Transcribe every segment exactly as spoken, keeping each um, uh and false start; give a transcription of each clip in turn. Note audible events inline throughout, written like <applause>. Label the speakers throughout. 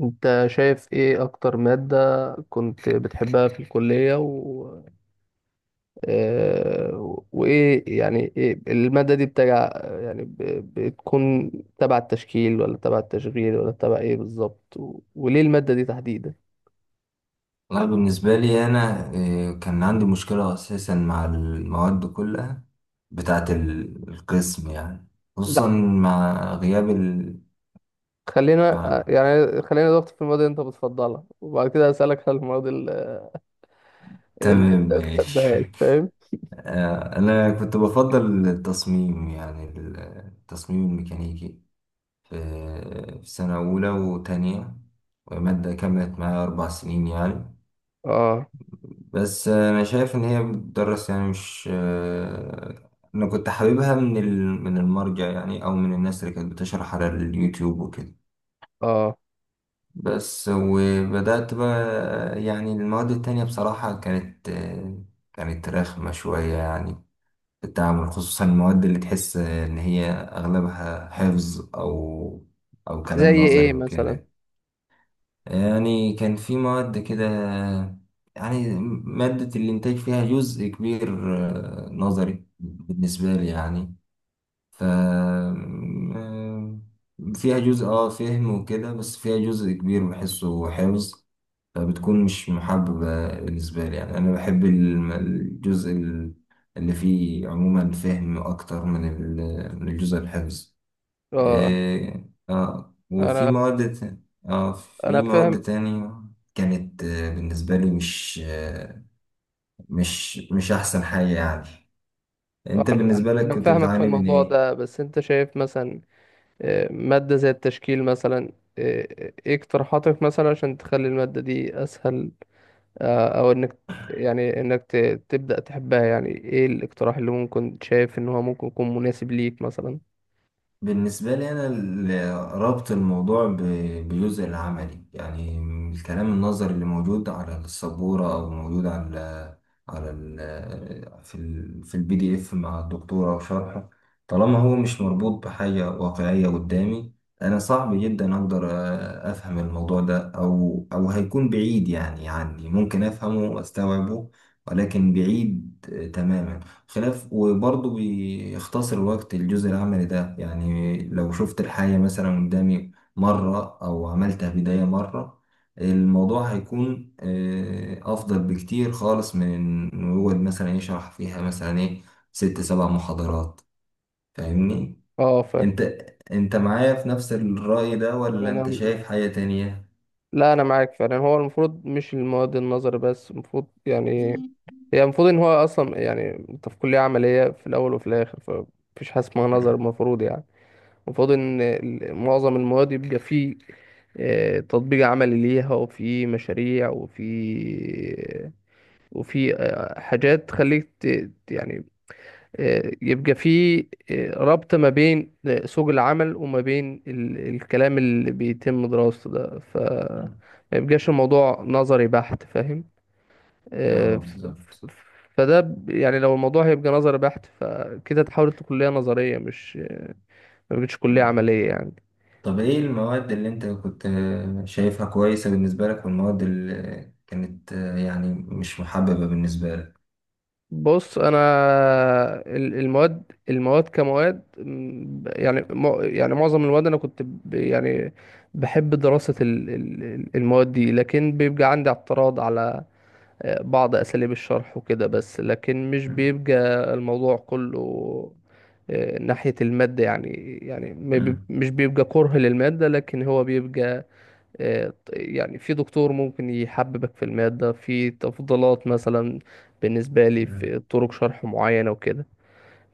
Speaker 1: انت شايف ايه اكتر مادة كنت بتحبها في الكلية و... آه، وايه يعني إيه المادة دي بتجع، يعني ب... بتكون تبع التشكيل، ولا تبع التشغيل، ولا تبع ايه بالظبط، و... وليه المادة دي تحديدا؟
Speaker 2: والله بالنسبة لي أنا إيه، كان عندي مشكلة أساسا مع المواد كلها بتاعة ال- القسم يعني. خصوصا
Speaker 1: لا
Speaker 2: مع غياب ال...
Speaker 1: خلينا آه،
Speaker 2: مع...
Speaker 1: يعني خلينا نضغط في المواد اللي انت بتفضلها، وبعد كده هسألك على المواد ال- اللي
Speaker 2: تمام
Speaker 1: انت
Speaker 2: ماشي
Speaker 1: بتحبهاش، فاهم؟
Speaker 2: <laughs> آه، أنا كنت بفضل التصميم يعني ال- التصميم الميكانيكي في في سنة أولى وتانية. ومادة كملت معايا أربع سنين يعني.
Speaker 1: اه،
Speaker 2: بس انا شايف ان هي بتدرس يعني مش آه، انا كنت حاببها من ال- من المرجع يعني او من الناس اللي كانت بتشرح على اليوتيوب وكده.
Speaker 1: اه.
Speaker 2: بس وبدأت بقى يعني المواد التانية بصراحة كانت آه، كانت رخمة شوية يعني في التعامل، خصوصا المواد اللي تحس ان هي اغلبها حفظ او او كلام
Speaker 1: زي ايه
Speaker 2: نظري
Speaker 1: مثلا؟
Speaker 2: وكده. يعني كان في مواد كده يعني. مادة الإنتاج فيها جزء كبير آه، نظري بالنسبة لي يعني. ف آه، فيها جزء اه فهم وكده، بس فيها جزء كبير بحسه حفظ. فبتكون مش محببة بالنسبة لي، يعني أنا بحب الم- الجزء ال- اللي فيه عموما فهم أكتر من ال- من الجزء الحفظ.
Speaker 1: اه،
Speaker 2: إيه، اه وفي
Speaker 1: انا
Speaker 2: مواد ت- اه
Speaker 1: انا
Speaker 2: في مواد
Speaker 1: فاهم.
Speaker 2: تانية كانت آه، بالنسبة لي مش آه، مش مش أحسن حاجة يعني.
Speaker 1: آه،
Speaker 2: أنت
Speaker 1: أنا
Speaker 2: بالنسبة لك
Speaker 1: أنا
Speaker 2: كنت
Speaker 1: فاهمك في
Speaker 2: بتعاني من
Speaker 1: الموضوع
Speaker 2: إيه؟
Speaker 1: ده، بس أنت شايف مثلا آه، مادة زي التشكيل مثلا، آه، آه، إيه اقتراحاتك مثلا عشان تخلي المادة دي أسهل؟ آه، أو إنك، يعني إنك ت- تبدأ تحبها؟ يعني إيه الاقتراح اللي ممكن شايف إن هو ممكن يكون مناسب ليك مثلا؟
Speaker 2: بالنسبة لي أنا ال- ربط الموضوع ب- بجزء العملي يعني. الكلام النظري اللي موجود على السبورة أو موجود على على ال في ال في البي دي إف مع الدكتورة وشرحه، طالما هو مش مربوط بحاجة واقعية قدامي، أنا صعب جدا أقدر أ- أفهم الموضوع ده، أو أو هيكون بعيد يعني عني، ممكن أفهمه وأستوعبه ولكن بعيد تماما. خلاف وبرضه بيختصر الوقت الجزء العملي ده، يعني لو شفت الحاجة مثلا قدامي مرة أو عملتها بداية مرة، الموضوع هيكون آه، أفضل بكتير خالص من إنه يقعد مثلا يشرح فيها مثلا إيه ست سبع محاضرات. فاهمني؟
Speaker 1: أه، فاهم.
Speaker 2: أنت أنت معايا في نفس الرأي ده ولا أنت
Speaker 1: أنا،
Speaker 2: شايف حاجة تانية؟
Speaker 1: لا أنا معاك فعلا. هو المفروض مش المواد النظر بس، المفروض يعني هي المفروض إن هو أصلا يعني أنت في كلية عملية في الأول وفي الآخر، فمفيش حاجة اسمها نظر
Speaker 2: مم.
Speaker 1: المفروض يعني. وفاضل ان ال- معظم المواد يبقى فيه آه، تطبيق عملي ليها، وفي مشاريع، وفي وفي آه، حاجات تخليك ت- ت- يعني، آه، يبقى في آه، ربط ما بين آه، سوق العمل وما بين ال- الكلام اللي بيتم دراسته ده، ف
Speaker 2: مم.
Speaker 1: ما يبقاش الموضوع نظري بحت، فاهم؟ آه،
Speaker 2: اه،
Speaker 1: ف-
Speaker 2: بالظبط.
Speaker 1: ف- فده ب- يعني لو الموضوع هيبقى نظري بحت، فكده تحول لكلية نظرية، مش ما بقتش كلية
Speaker 2: مم.
Speaker 1: عملية يعني.
Speaker 2: طب ايه المواد اللي انت كنت آه، شايفها كويسة بالنسبة لك، والمواد اللي كانت آه، يعني مش محببة بالنسبة لك؟
Speaker 1: بص انا ال- المواد المواد كمواد م، ب- يعني مع- يعني معظم المواد انا كنت ب- يعني بحب دراسة ال- ال- ال- المواد دي، لكن بيبقى عندي اعتراض على آه، بعض اساليب الشرح وكده بس، لكن مش
Speaker 2: مم.
Speaker 1: بيبقى الموضوع كله آه، ناحية المادة يعني، يعني ما بيب-
Speaker 2: مم.
Speaker 1: مش بيبقى كره للمادة، لكن هو بيبقى آه، يعني في دكتور ممكن يحببك في المادة، في تفضيلات مثلا، بالنسبة لي
Speaker 2: مم.
Speaker 1: في طرق شرح معينة وكده.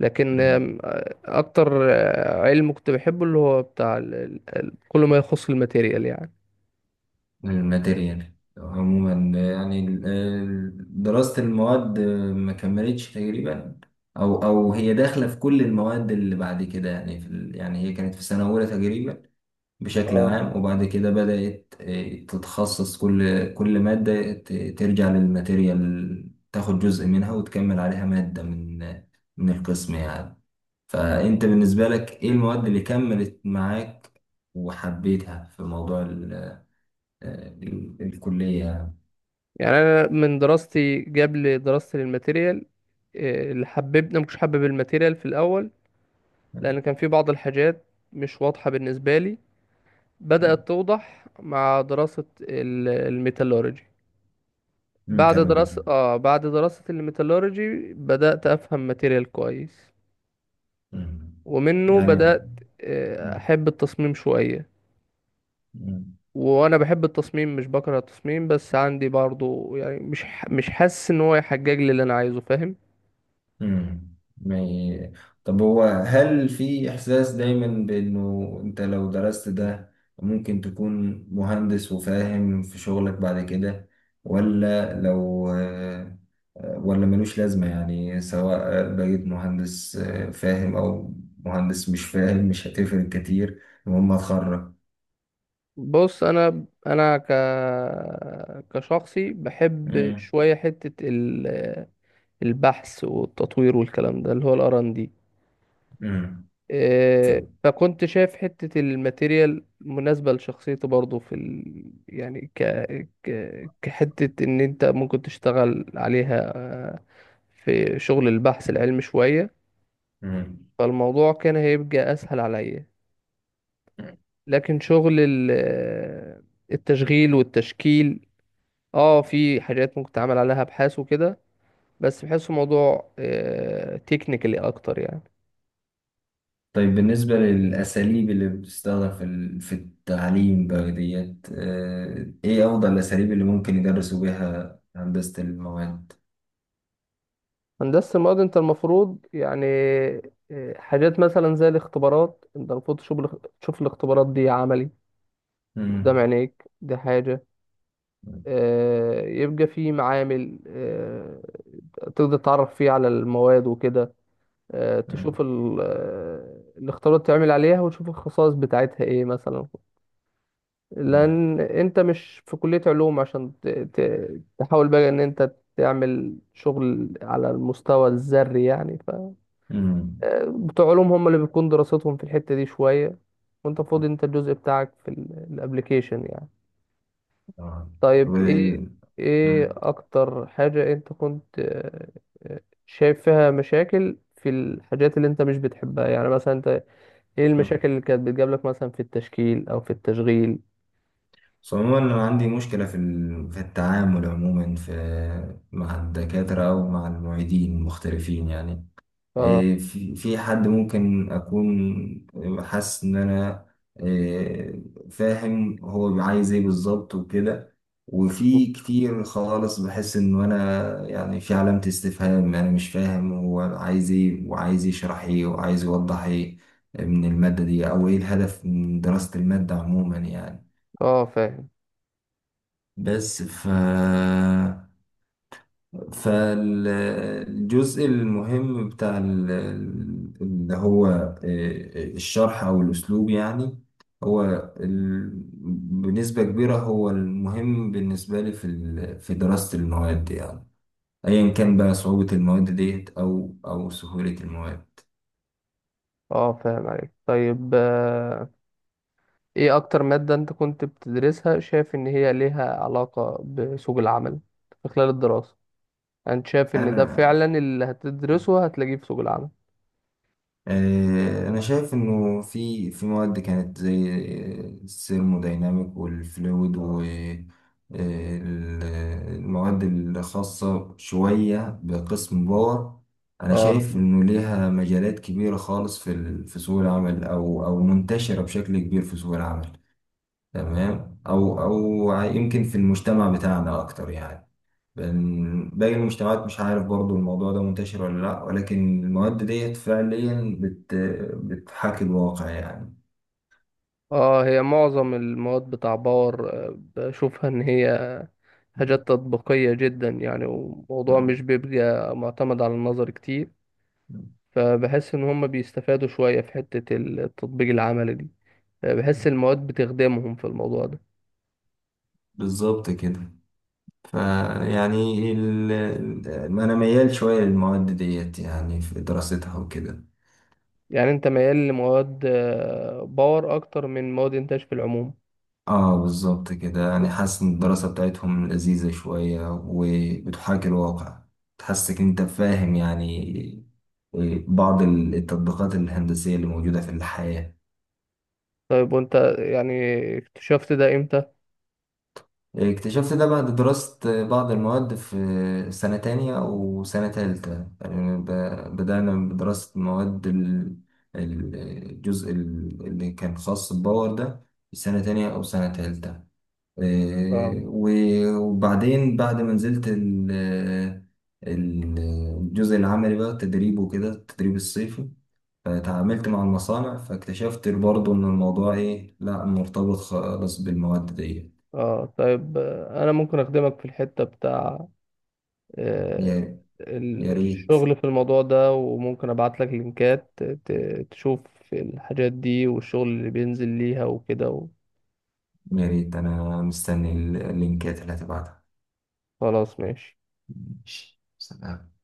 Speaker 1: لكن
Speaker 2: مم.
Speaker 1: آم، آه، أكتر آه، علم كنت بحبه اللي هو بتاع ال- ال- ال- كل ما يخص الماتيريال يعني.
Speaker 2: الماتيريال عموما آه، يعني ال- ال- دراسة المواد آه، ما كملتش تقريبا، او او هي داخلة في كل المواد اللي بعد كده. يعني في ال- يعني هي كانت في سنة أولى تقريبا بشكل
Speaker 1: اه،
Speaker 2: عام، وبعد كده بدأت آه، تتخصص. كل كل مادة ت- ترجع للماتيريال، تاخد جزء منها وتكمل عليها مادة من من القسم يعني. فأنت بالنسبة لك إيه المواد اللي كملت معاك وحبيتها في موضوع ال- آه، ال- الكلية؟
Speaker 1: يعني أنا من دراستي قبل دراستي للماتيريال، آه، اللي حببنا مش حابب الماتيريال في الأول لأن كان في بعض الحاجات مش واضحة بالنسبة لي، بدأت توضح مع دراسة ال- الميتالورجي. بعد
Speaker 2: ميتالورجي.
Speaker 1: دراسة اه بعد دراسة الميتالورجي بدأت أفهم ماتيريال كويس،
Speaker 2: مم.
Speaker 1: ومنه
Speaker 2: يعني.
Speaker 1: بدأت آه، أحب التصميم شوية.
Speaker 2: مم.
Speaker 1: وأنا بحب التصميم، مش بكره التصميم، بس عندي برضو يعني مش ح- مش حاسس إن هو يحجج لي اللي أنا عايزه، فاهم؟
Speaker 2: امم ما ي- طب هو، هل في إحساس دايما بإنه أنت لو درست ده ممكن تكون مهندس وفاهم في شغلك بعد كده، ولا لو آه، ولا ملوش لازمة يعني، سواء بقيت مهندس آه، فاهم أو مهندس مش فاهم، مش هتفرق كتير، المهم هتخرج؟
Speaker 1: بص أنا أنا ك كشخصي بحب
Speaker 2: امم
Speaker 1: شوية حتة ال- البحث والتطوير والكلام ده اللي هو ال آر أند دي. آه، فكنت شايف حتة الماتيريال مناسبة لشخصيته برضه في ال... يعني ك... ك... كحتة إن أنت ممكن تشتغل عليها، آه، في شغل البحث العلمي شوية،
Speaker 2: امم
Speaker 1: فالموضوع كان هيبقى أسهل عليا. لكن شغل ال... آه، التشغيل والتشكيل، اه في حاجات ممكن تعمل عليها أبحاث وكده، بس بحسه موضوع تكنيكالي أكتر يعني.
Speaker 2: طيب بالنسبة للأساليب اللي بتستخدم في ال- في التعليم بقى ديت، آه، إيه أفضل الأساليب اللي ممكن يدرسوا بيها هندسة المواد؟
Speaker 1: هندسة المواد انت المفروض يعني إيه، حاجات مثلا زي الاختبارات، انت المفروض تشوف الاخ- تشوف الاختبارات دي عملي قدام
Speaker 2: مم.
Speaker 1: عينيك، دي حاجة. آه، يبقى في معامل آه، تقدر تتعرف فيه على المواد وكده، آه،
Speaker 2: مم.
Speaker 1: تشوف ال- آه، الاختبارات تعمل عليها وتشوف الخصائص بتاعتها ايه مثلا.
Speaker 2: مم.
Speaker 1: لان انت مش في كلية علوم عشان ت- ت- تحاول بقى ان انت تعمل شغل على المستوى الذري يعني.
Speaker 2: مم.
Speaker 1: آه، بتوع علوم هم اللي بتكون دراستهم في الحتة دي شوية، وانت فاضي، انت الجزء بتاعك في الابليكيشن يعني.
Speaker 2: آه.
Speaker 1: طيب، ايه
Speaker 2: وال-
Speaker 1: ايه
Speaker 2: مم.
Speaker 1: اكتر حاجة انت كنت آه، آه، شايف فيها مشاكل في الحاجات اللي انت مش بتحبها يعني؟ مثلا انت ايه المشاكل
Speaker 2: مم.
Speaker 1: اللي كانت بتجاب لك مثلا في التشكيل او في التشغيل؟
Speaker 2: بس عموما أنا عندي مشكلة في ال- في التعامل عموما في مع الدكاترة أو مع المعيدين المختلفين يعني.
Speaker 1: اه،
Speaker 2: إيه، في في حد ممكن أكون حاسس إن أنا إيه، فاهم هو عايز إيه بالظبط وكده، وفي كتير خالص بحس إنه أنا يعني في علامة استفهام، أنا مش فاهم هو عايز إيه وعايز يشرح إيه وعايز يوضح إيه من المادة دي، أو إيه الهدف من دراسة المادة عموما يعني.
Speaker 1: اه، فاهم.
Speaker 2: بس ف فالجزء المهم بتاع ال- ال- اللي هو آه، آه، الشرح أو الأسلوب يعني، هو ال- بنسبة كبيرة هو المهم بالنسبة لي في ال- في دراسة المواد يعني، أيا كان بقى صعوبة المواد ديت أو أو سهولة المواد.
Speaker 1: اه، فاهم عليك. طيب آه، ايه اكتر مادة انت كنت بتدرسها شايف ان هي ليها علاقة بسوق العمل في خلال الدراسة؟ انت شايف ان ده
Speaker 2: أنا
Speaker 1: فعلا اللي هتدرسه هتلاقيه في سوق العمل؟
Speaker 2: آه، أنا شايف إنه في في مواد كانت زي الثيرمودايناميك والفلويد و آه، ال- المواد الخاصة شوية بقسم باور، أنا
Speaker 1: اه.
Speaker 2: شايف إنه ليها مجالات كبيرة خالص في ال- في سوق العمل أو أو منتشرة بشكل كبير في سوق العمل. تمام. او او يمكن في المجتمع بتاعنا اكتر يعني، بن- باقي المجتمعات مش عارف برضو الموضوع ده منتشر ولا لا، ولكن المواد ديت فعليا بت بتحاكي الواقع يعني.
Speaker 1: اه، هي معظم المواد بتاع باور آه، بشوفها ان هي حاجات تطبيقية جدا يعني، وموضوع مش
Speaker 2: مم.
Speaker 1: بيبقى معتمد على النظر كتير، فبحس ان هم بيستفادوا شوية في حتة التطبيق العملي دي. آه، بحس المواد بتخدمهم في الموضوع ده.
Speaker 2: بالظبط كده. فيعني ال... ال- انا ميال شوية للمواد ديت يعني في دراستها وكده.
Speaker 1: يعني انت ميال لمواد آه، باور اكتر من مواد انتاج في العموم؟
Speaker 2: اه، بالظبط كده، يعني حاسس ان الدراسة بتاعتهم لذيذة شوية وبتحاكي الواقع، تحسك انت فاهم يعني بعض التطبيقات الهندسية اللي موجودة في الحياة.
Speaker 1: طيب، وانت يعني اكتشفت ده امتى؟
Speaker 2: اكتشفت ده بعد دراسة بعض المواد في سنة تانية وسنة تالتة، يعني ب- بدأنا بدراسة مواد ال- ال- الجزء ال- اللي كان خاص بالباور ده في سنة تانية أو سنة تالتة، آه، و- وبعدين بعد ما نزلت ال- ال- الجزء العملي بقى التدريب وكده، التدريب الصيفي، فتعاملت مع المصانع فاكتشفت برضه إن الموضوع إيه، لأ، مرتبط خالص بالمواد دي.
Speaker 1: اه، طيب آه، انا ممكن اخدمك في الحتة بتاع آه،
Speaker 2: يا يا
Speaker 1: ال-
Speaker 2: ريت.
Speaker 1: الشغل في الموضوع ده، وممكن ابعت لك لينكات ت- تشوف الحاجات دي والشغل اللي بينزل ليها وكده.
Speaker 2: يا ريت أنا مستني اللينكات اللي هتبعتها.
Speaker 1: خلاص ماشي.
Speaker 2: ماشي، سلام.